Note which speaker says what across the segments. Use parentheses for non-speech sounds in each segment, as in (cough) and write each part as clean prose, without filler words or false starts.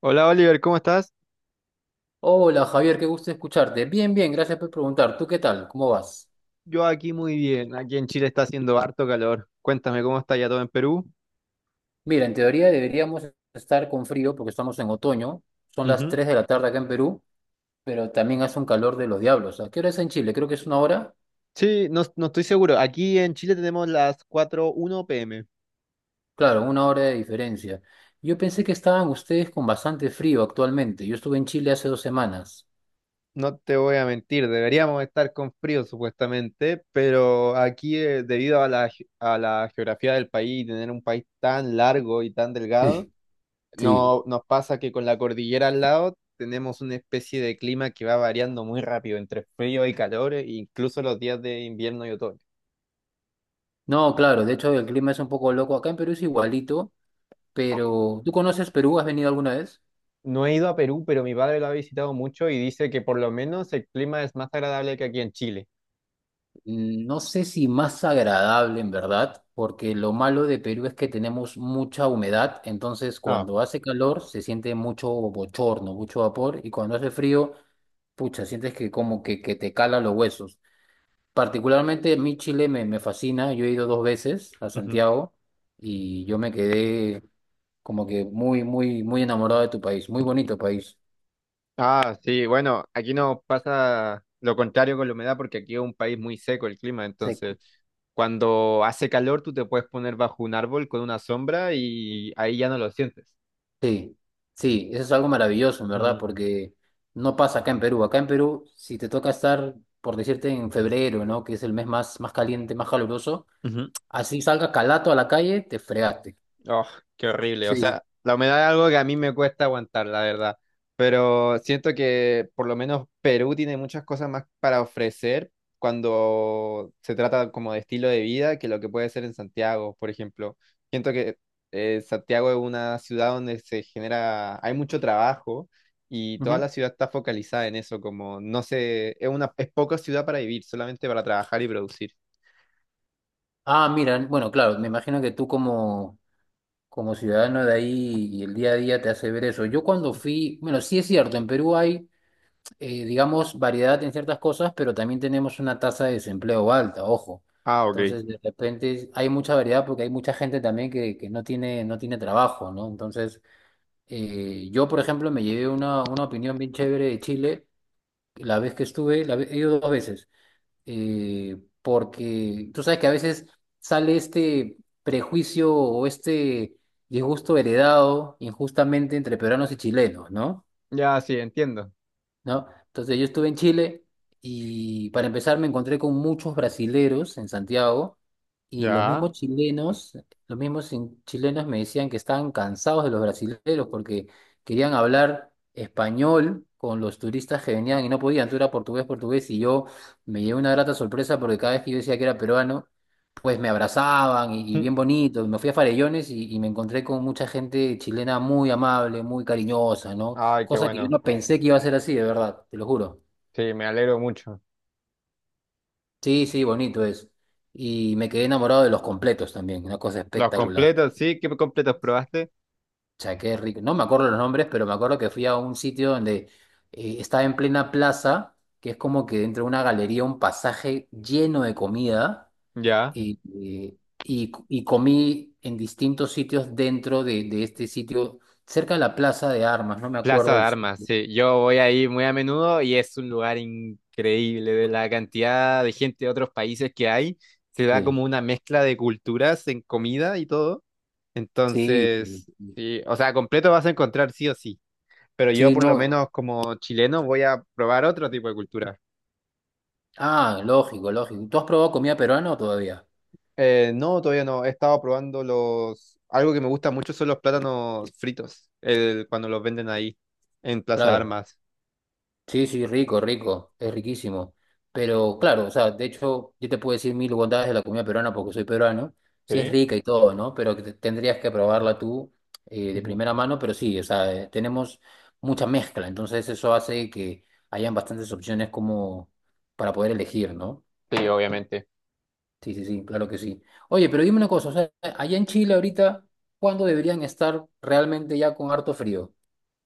Speaker 1: Hola Oliver, ¿cómo estás?
Speaker 2: Hola Javier, qué gusto escucharte. Bien, bien, gracias por preguntar. ¿Tú qué tal? ¿Cómo vas?
Speaker 1: Yo aquí muy bien. Aquí en Chile está haciendo harto calor. Cuéntame cómo está ya todo en Perú.
Speaker 2: Mira, en teoría deberíamos estar con frío porque estamos en otoño. Son las
Speaker 1: Ujú.
Speaker 2: 3 de la tarde acá en Perú, pero también hace un calor de los diablos. ¿A qué hora es en Chile? Creo que es una hora.
Speaker 1: Sí, no, no estoy seguro. Aquí en Chile tenemos las 4:1 pm.
Speaker 2: Claro, una hora de diferencia. Yo pensé que estaban ustedes con bastante frío actualmente. Yo estuve en Chile hace 2 semanas.
Speaker 1: No te voy a mentir, deberíamos estar con frío supuestamente, pero aquí debido a la geografía del país y tener un país tan largo y tan delgado,
Speaker 2: Sí. Sí.
Speaker 1: no, nos pasa que con la cordillera al lado tenemos una especie de clima que va variando muy rápido entre frío y calor, e incluso los días de invierno y otoño.
Speaker 2: No, claro, de hecho el clima es un poco loco. Acá en Perú es igualito, pero ¿tú conoces Perú? ¿Has venido alguna vez?
Speaker 1: No he ido a Perú, pero mi padre lo ha visitado mucho y dice que por lo menos el clima es más agradable que aquí en Chile.
Speaker 2: No sé si más agradable en verdad, porque lo malo de Perú es que tenemos mucha humedad, entonces
Speaker 1: Ah,
Speaker 2: cuando hace calor se siente mucho bochorno, mucho vapor, y cuando hace frío, pucha, sientes que que te cala los huesos. Particularmente a mí Chile me fascina, yo he ido dos veces a
Speaker 1: ujú.
Speaker 2: Santiago y yo me quedé como que muy, muy, muy enamorado de tu país, muy bonito país.
Speaker 1: Ah, sí, bueno, aquí nos pasa lo contrario con la humedad porque aquí es un país muy seco el clima,
Speaker 2: Sí.
Speaker 1: entonces cuando hace calor tú te puedes poner bajo un árbol con una sombra y ahí ya no lo sientes.
Speaker 2: Sí, sí, eso es algo maravilloso, en verdad,
Speaker 1: Mm,
Speaker 2: porque no pasa acá en Perú. Acá en Perú, si te toca estar, por decirte, en febrero, ¿no? Que es el mes más caliente, más caluroso,
Speaker 1: ujú.
Speaker 2: así salga calato a la calle, te fregaste.
Speaker 1: Oh, qué horrible. O
Speaker 2: Sí.
Speaker 1: sea, la humedad es algo que a mí me cuesta aguantar, la verdad. Pero siento que por lo menos Perú tiene muchas cosas más para ofrecer cuando se trata como de estilo de vida que lo que puede ser en Santiago, por ejemplo. Siento que Santiago es una ciudad donde se genera, hay mucho trabajo y toda
Speaker 2: Ujú.
Speaker 1: la ciudad está focalizada en eso, como no sé, es poca ciudad para vivir, solamente para trabajar y producir.
Speaker 2: Ah, mira, bueno, claro, me imagino que tú como ciudadano de ahí y el día a día te hace ver eso. Yo cuando fui, bueno, sí es cierto, en Perú hay digamos, variedad en ciertas cosas, pero también tenemos una tasa de desempleo alta, ojo.
Speaker 1: Ah, ok.
Speaker 2: Entonces, de repente hay mucha variedad porque hay mucha gente también que no tiene, no tiene trabajo, ¿no? Entonces, yo, por ejemplo, me llevé una opinión bien chévere de Chile la vez que estuve, he ido dos veces, porque tú sabes que a veces sale este prejuicio o este disgusto heredado injustamente entre peruanos y chilenos, ¿no?
Speaker 1: Ya, sí, entiendo.
Speaker 2: ¿No? Entonces yo estuve en Chile y para empezar me encontré con muchos brasileros en Santiago y los
Speaker 1: Ya.
Speaker 2: mismos chilenos, chilenos me decían que estaban cansados de los brasileros porque querían hablar español con los turistas que venían y no podían, tú era portugués, portugués y yo me llevé una grata sorpresa porque cada vez que yo decía que era peruano, pues me abrazaban y bien
Speaker 1: (laughs)
Speaker 2: bonito, me fui a Farellones y me encontré con mucha gente chilena muy amable, muy cariñosa, ¿no?
Speaker 1: Ay, qué
Speaker 2: Cosa que yo
Speaker 1: bueno.
Speaker 2: no pensé que iba a ser así, de verdad, te lo juro.
Speaker 1: Sí, me alegro mucho.
Speaker 2: Sí, sí, bonito es. Y me quedé enamorado de los completos también, una cosa
Speaker 1: Los
Speaker 2: espectacular.
Speaker 1: completos, sí, ¿qué completos probaste?
Speaker 2: O sea, qué rico. No me acuerdo los nombres, pero me acuerdo que fui a un sitio donde estaba en plena plaza, que es como que dentro de una galería, un pasaje lleno de comida,
Speaker 1: Ya.
Speaker 2: y, eh, y comí en distintos sitios dentro de este sitio, cerca de la Plaza de Armas, no me
Speaker 1: Plaza
Speaker 2: acuerdo
Speaker 1: de
Speaker 2: el
Speaker 1: Armas,
Speaker 2: sitio.
Speaker 1: sí. Yo voy ahí muy a menudo y es un lugar increíble de la cantidad de gente de otros países que hay. Se da
Speaker 2: Sí,
Speaker 1: como una mezcla de culturas en comida y todo.
Speaker 2: sí, sí.
Speaker 1: Entonces, sí, o sea, completo vas a encontrar sí o sí. Pero yo
Speaker 2: Sí,
Speaker 1: por lo
Speaker 2: no.
Speaker 1: menos como chileno voy a probar otro tipo de cultura.
Speaker 2: Ah, lógico, lógico. ¿Tú has probado comida peruana o todavía?
Speaker 1: No, todavía no. He estado probando los... Algo que me gusta mucho son los plátanos fritos, cuando los venden ahí en Plaza
Speaker 2: Claro.
Speaker 1: Armas.
Speaker 2: Sí, sí, rico, rico. Es riquísimo. Pero claro, o sea, de hecho, yo te puedo decir mil bondades de la comida peruana porque soy peruano. Sí es
Speaker 1: Sí,
Speaker 2: rica y todo, ¿no? Pero tendrías que probarla tú de
Speaker 1: ujú.
Speaker 2: primera mano. Pero sí, o sea, tenemos mucha mezcla. Entonces eso hace que hayan bastantes opciones como para poder elegir, ¿no?
Speaker 1: Sí, obviamente.
Speaker 2: Sí, sí, sí, claro que sí. Oye, pero dime una cosa, o sea, allá en Chile ahorita, ¿cuándo deberían estar realmente ya con harto frío?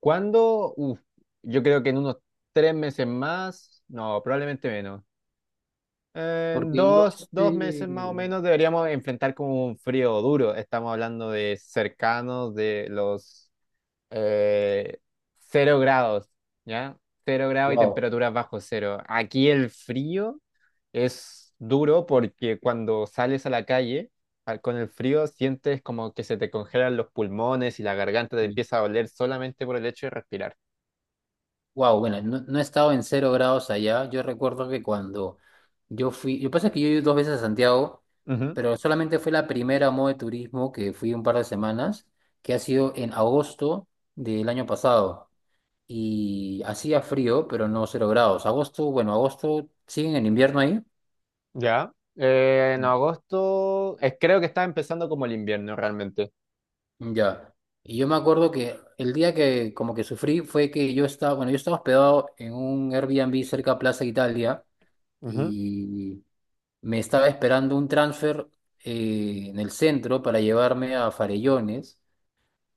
Speaker 1: ¿Cuándo? Uf, yo creo que en unos 3 meses más, no, probablemente menos. En
Speaker 2: Porque yo,
Speaker 1: dos
Speaker 2: este,
Speaker 1: meses más o menos deberíamos enfrentar como un frío duro. Estamos hablando de cercanos de los eh, 0 grados, ¿ya? 0 grados y
Speaker 2: wow,
Speaker 1: temperaturas bajo cero. Aquí el frío es duro porque cuando sales a la calle con el frío sientes como que se te congelan los pulmones y la garganta te empieza a doler solamente por el hecho de respirar.
Speaker 2: wow, bueno, no, no he estado en 0 grados allá. Yo recuerdo que cuando yo fui, lo que pasa es que yo he ido dos veces a Santiago,
Speaker 1: Ujú.
Speaker 2: pero solamente fue la primera modo de turismo que fui un par de semanas, que ha sido en agosto del año pasado. Y hacía frío, pero no 0 grados. Agosto, bueno, agosto siguen en invierno ahí.
Speaker 1: Ya. En agosto, creo que está empezando como el invierno realmente.
Speaker 2: Ya. Y yo me acuerdo que el día que como que sufrí fue que yo estaba, bueno, yo estaba hospedado en un Airbnb cerca de Plaza Italia
Speaker 1: Ujú.
Speaker 2: y me estaba esperando un transfer en el centro para llevarme a Farellones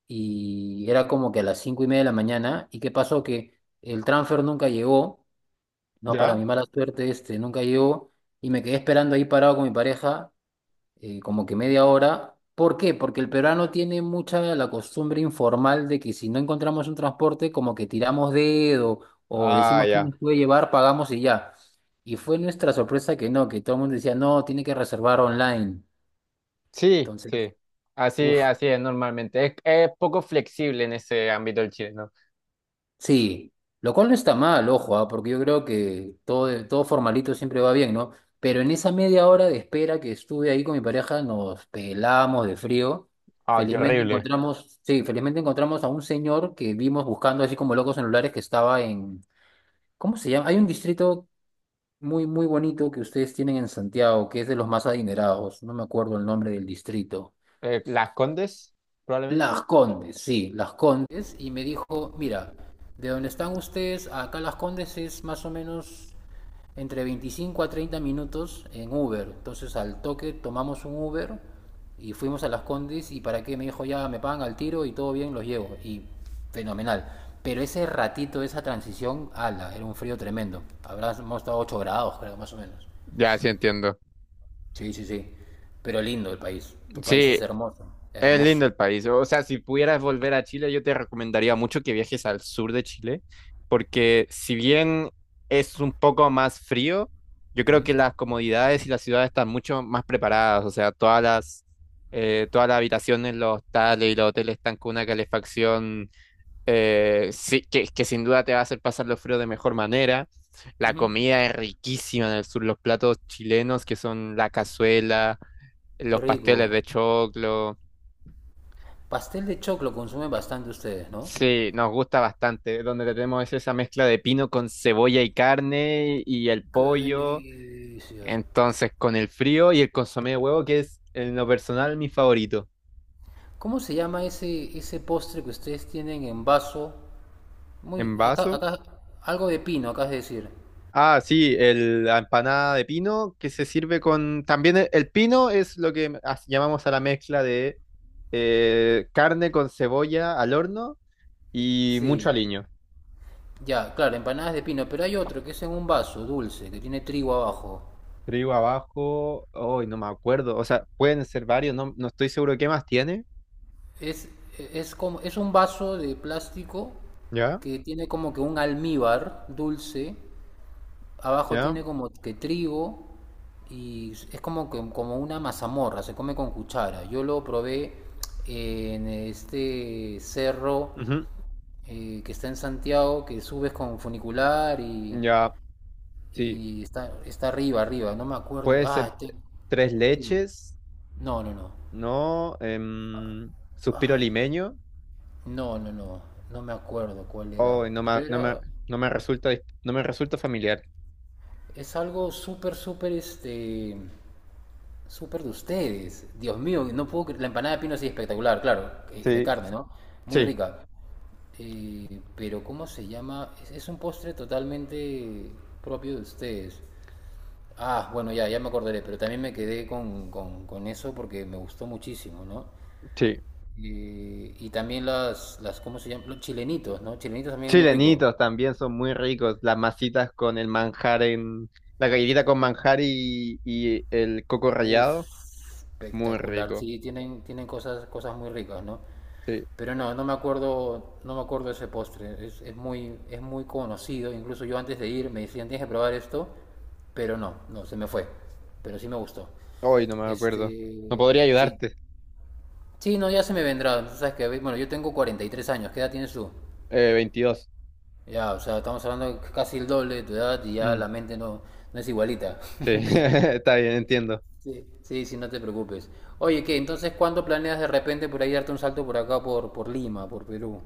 Speaker 2: y era como que a las 5:30 de la mañana y qué pasó que el transfer nunca llegó, no para
Speaker 1: Ya.
Speaker 2: mi mala suerte este, nunca llegó y me quedé esperando ahí parado con mi pareja como que media hora. ¿Por qué? Porque el peruano tiene mucha la costumbre informal de que si no encontramos un transporte, como que tiramos dedo o
Speaker 1: Ah,
Speaker 2: decimos quién
Speaker 1: ya.
Speaker 2: nos puede llevar, pagamos y ya. Y fue nuestra sorpresa que no, que todo el mundo decía, no, tiene que reservar online.
Speaker 1: Sí,
Speaker 2: Entonces,
Speaker 1: sí. Así,
Speaker 2: uff,
Speaker 1: así es normalmente. Es poco flexible en ese ámbito el chileno.
Speaker 2: Sí, lo cual no está mal, ojo, ah, porque yo creo que todo, todo formalito siempre va bien, ¿no? Pero en esa media hora de espera que estuve ahí con mi pareja, nos pelamos de frío.
Speaker 1: Ah, qué
Speaker 2: Felizmente
Speaker 1: horrible.
Speaker 2: encontramos, sí, felizmente encontramos a un señor que vimos buscando así como locos en lugares que ¿cómo se llama? Hay un distrito muy, muy bonito que ustedes tienen en Santiago, que es de los más adinerados. No me acuerdo el nombre del distrito.
Speaker 1: Las Condes,
Speaker 2: Las
Speaker 1: probablemente.
Speaker 2: Condes, sí, Las Condes, y me dijo, mira, de donde están ustedes, acá Las Condes es más o menos entre 25 a 30 minutos en Uber. Entonces al toque tomamos un Uber y fuimos a Las Condes y para qué me dijo, ya me pagan al tiro y todo bien, los llevo. Y fenomenal. Pero ese ratito, esa transición, ala, era un frío tremendo. Habramos estado 8 grados, creo, más o menos.
Speaker 1: Ya, sí entiendo.
Speaker 2: Sí, sí, sí. Pero lindo el país. Tu país
Speaker 1: Sí,
Speaker 2: es hermoso,
Speaker 1: es lindo
Speaker 2: hermoso.
Speaker 1: el país. O sea, si pudieras volver a Chile, yo te recomendaría mucho que viajes al sur de Chile, porque si bien es un poco más frío, yo creo
Speaker 2: Ujú,
Speaker 1: que las comodidades y las ciudades están mucho más preparadas. O sea, todas las habitaciones, los hostales y los hoteles están con una calefacción sí, que sin duda te va a hacer pasar los fríos de mejor manera. La
Speaker 2: ujú.
Speaker 1: comida es riquísima en el sur, los platos chilenos que son la cazuela,
Speaker 2: Qué
Speaker 1: los pasteles de
Speaker 2: rico.
Speaker 1: choclo.
Speaker 2: Pastel de choclo consumen bastante ustedes, ¿no?
Speaker 1: Sí, nos gusta bastante. Donde tenemos es esa mezcla de pino con cebolla y carne y el
Speaker 2: ¡Qué
Speaker 1: pollo.
Speaker 2: delicia!
Speaker 1: Entonces, con el frío y el consomé de huevo, que es en lo personal mi favorito.
Speaker 2: ¿Cómo se llama ese, ese postre que ustedes tienen en vaso? Muy,
Speaker 1: En
Speaker 2: acá,
Speaker 1: vaso.
Speaker 2: acá, algo de pino, acá es decir.
Speaker 1: Ah, sí, la empanada de pino que se sirve con... También el pino es lo que llamamos a la mezcla de carne con cebolla al horno y mucho
Speaker 2: Sí,
Speaker 1: aliño.
Speaker 2: ya, claro, empanadas de pino, pero hay otro que es en un vaso dulce, que tiene trigo abajo.
Speaker 1: Trigo abajo, hoy no me acuerdo, o sea, pueden ser varios, no, no estoy seguro qué más tiene.
Speaker 2: Es, es un vaso de plástico
Speaker 1: ¿Ya?
Speaker 2: que tiene como que un almíbar dulce. Abajo
Speaker 1: ¿Ya?
Speaker 2: tiene como que trigo y es como, como una mazamorra, se come con cuchara. Yo lo probé en este cerro
Speaker 1: Ujú.
Speaker 2: que está en Santiago, que subes con funicular
Speaker 1: Ya, sí,
Speaker 2: y está, está arriba, arriba, no me acuerdo.
Speaker 1: puede ser tres
Speaker 2: Dime.
Speaker 1: leches,
Speaker 2: No, no, no.
Speaker 1: ¿no? Suspiro
Speaker 2: Ay, Dios.
Speaker 1: limeño,
Speaker 2: No, no, no. No me acuerdo cuál era.
Speaker 1: hoy
Speaker 2: Pero era.
Speaker 1: no me resulta familiar.
Speaker 2: Es algo súper, súper este. Súper de ustedes. Dios mío, no puedo cre- La empanada de pino sí espectacular, claro, de
Speaker 1: Sí,
Speaker 2: carne, ¿no? Muy
Speaker 1: sí,
Speaker 2: rica. Pero ¿cómo se llama? Es un postre totalmente propio de ustedes. Ah, bueno, ya, ya me acordaré, pero también me quedé con eso porque me gustó muchísimo, ¿no?
Speaker 1: sí.
Speaker 2: Y también ¿cómo se llaman? Los chilenitos, ¿no? Chilenitos también muy ricos.
Speaker 1: Chilenitos también son muy ricos. Las masitas con el manjar en... La galletita con manjar y el coco
Speaker 2: Uf,
Speaker 1: rallado. Muy
Speaker 2: espectacular.
Speaker 1: rico.
Speaker 2: Sí, tienen, tienen cosas, cosas muy ricas, ¿no?
Speaker 1: Sí.
Speaker 2: Pero no, no me acuerdo, no me acuerdo ese postre. Es muy, es muy conocido. Incluso yo antes de ir me decían, tienes que probar esto, pero no, no, se me fue. Pero sí me gustó.
Speaker 1: Hoy no me acuerdo. No podría
Speaker 2: Este, sí.
Speaker 1: ayudarte.
Speaker 2: Sí, no, ya se me vendrá. Tú sabes que, bueno, yo tengo 43 años. ¿Qué edad tienes tú?
Speaker 1: 22.
Speaker 2: Ya, o sea, estamos hablando de casi el doble de tu edad y ya
Speaker 1: Mm,
Speaker 2: la mente no, no es igualita.
Speaker 1: sí. (laughs) Está bien, entiendo.
Speaker 2: Sí, sí, sí, no te preocupes. Oye, ¿qué? Entonces, ¿cuándo planeas de repente por ahí darte un salto por acá, por Lima, por Perú?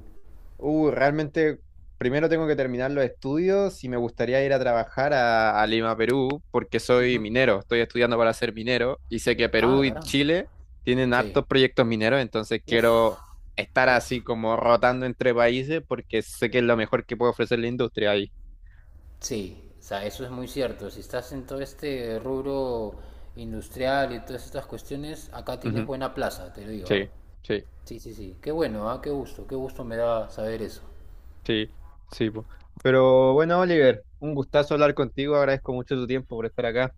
Speaker 1: Realmente primero tengo que terminar los estudios y me gustaría ir a trabajar a Lima, Perú, porque soy
Speaker 2: Ujú.
Speaker 1: minero, estoy estudiando para ser minero y sé que Perú
Speaker 2: Ah,
Speaker 1: y
Speaker 2: caramba.
Speaker 1: Chile tienen
Speaker 2: Sí.
Speaker 1: hartos proyectos mineros, entonces
Speaker 2: Uf,
Speaker 1: quiero estar
Speaker 2: uf,
Speaker 1: así como rotando entre países porque sé que es lo mejor que puede ofrecer la industria ahí.
Speaker 2: sí, o sea, eso es muy cierto. Si estás en todo este rubro industrial y todas estas cuestiones, acá tienes
Speaker 1: Ujú.
Speaker 2: buena plaza, te lo digo, ¿ah?
Speaker 1: Sí, sí,
Speaker 2: Sí, sí, sí. Qué bueno, ¿ah? Qué gusto me da saber eso.
Speaker 1: sí, sí. Po. Pero bueno, Oliver, un gustazo hablar contigo, agradezco mucho tu tiempo por estar acá.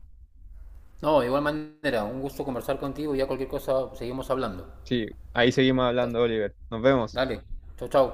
Speaker 2: No, de igual manera, un gusto conversar contigo y ya cualquier cosa seguimos hablando.
Speaker 1: Sí, ahí seguimos
Speaker 2: Dale,
Speaker 1: hablando, Oliver. Nos vemos.
Speaker 2: Dale, chau, chau.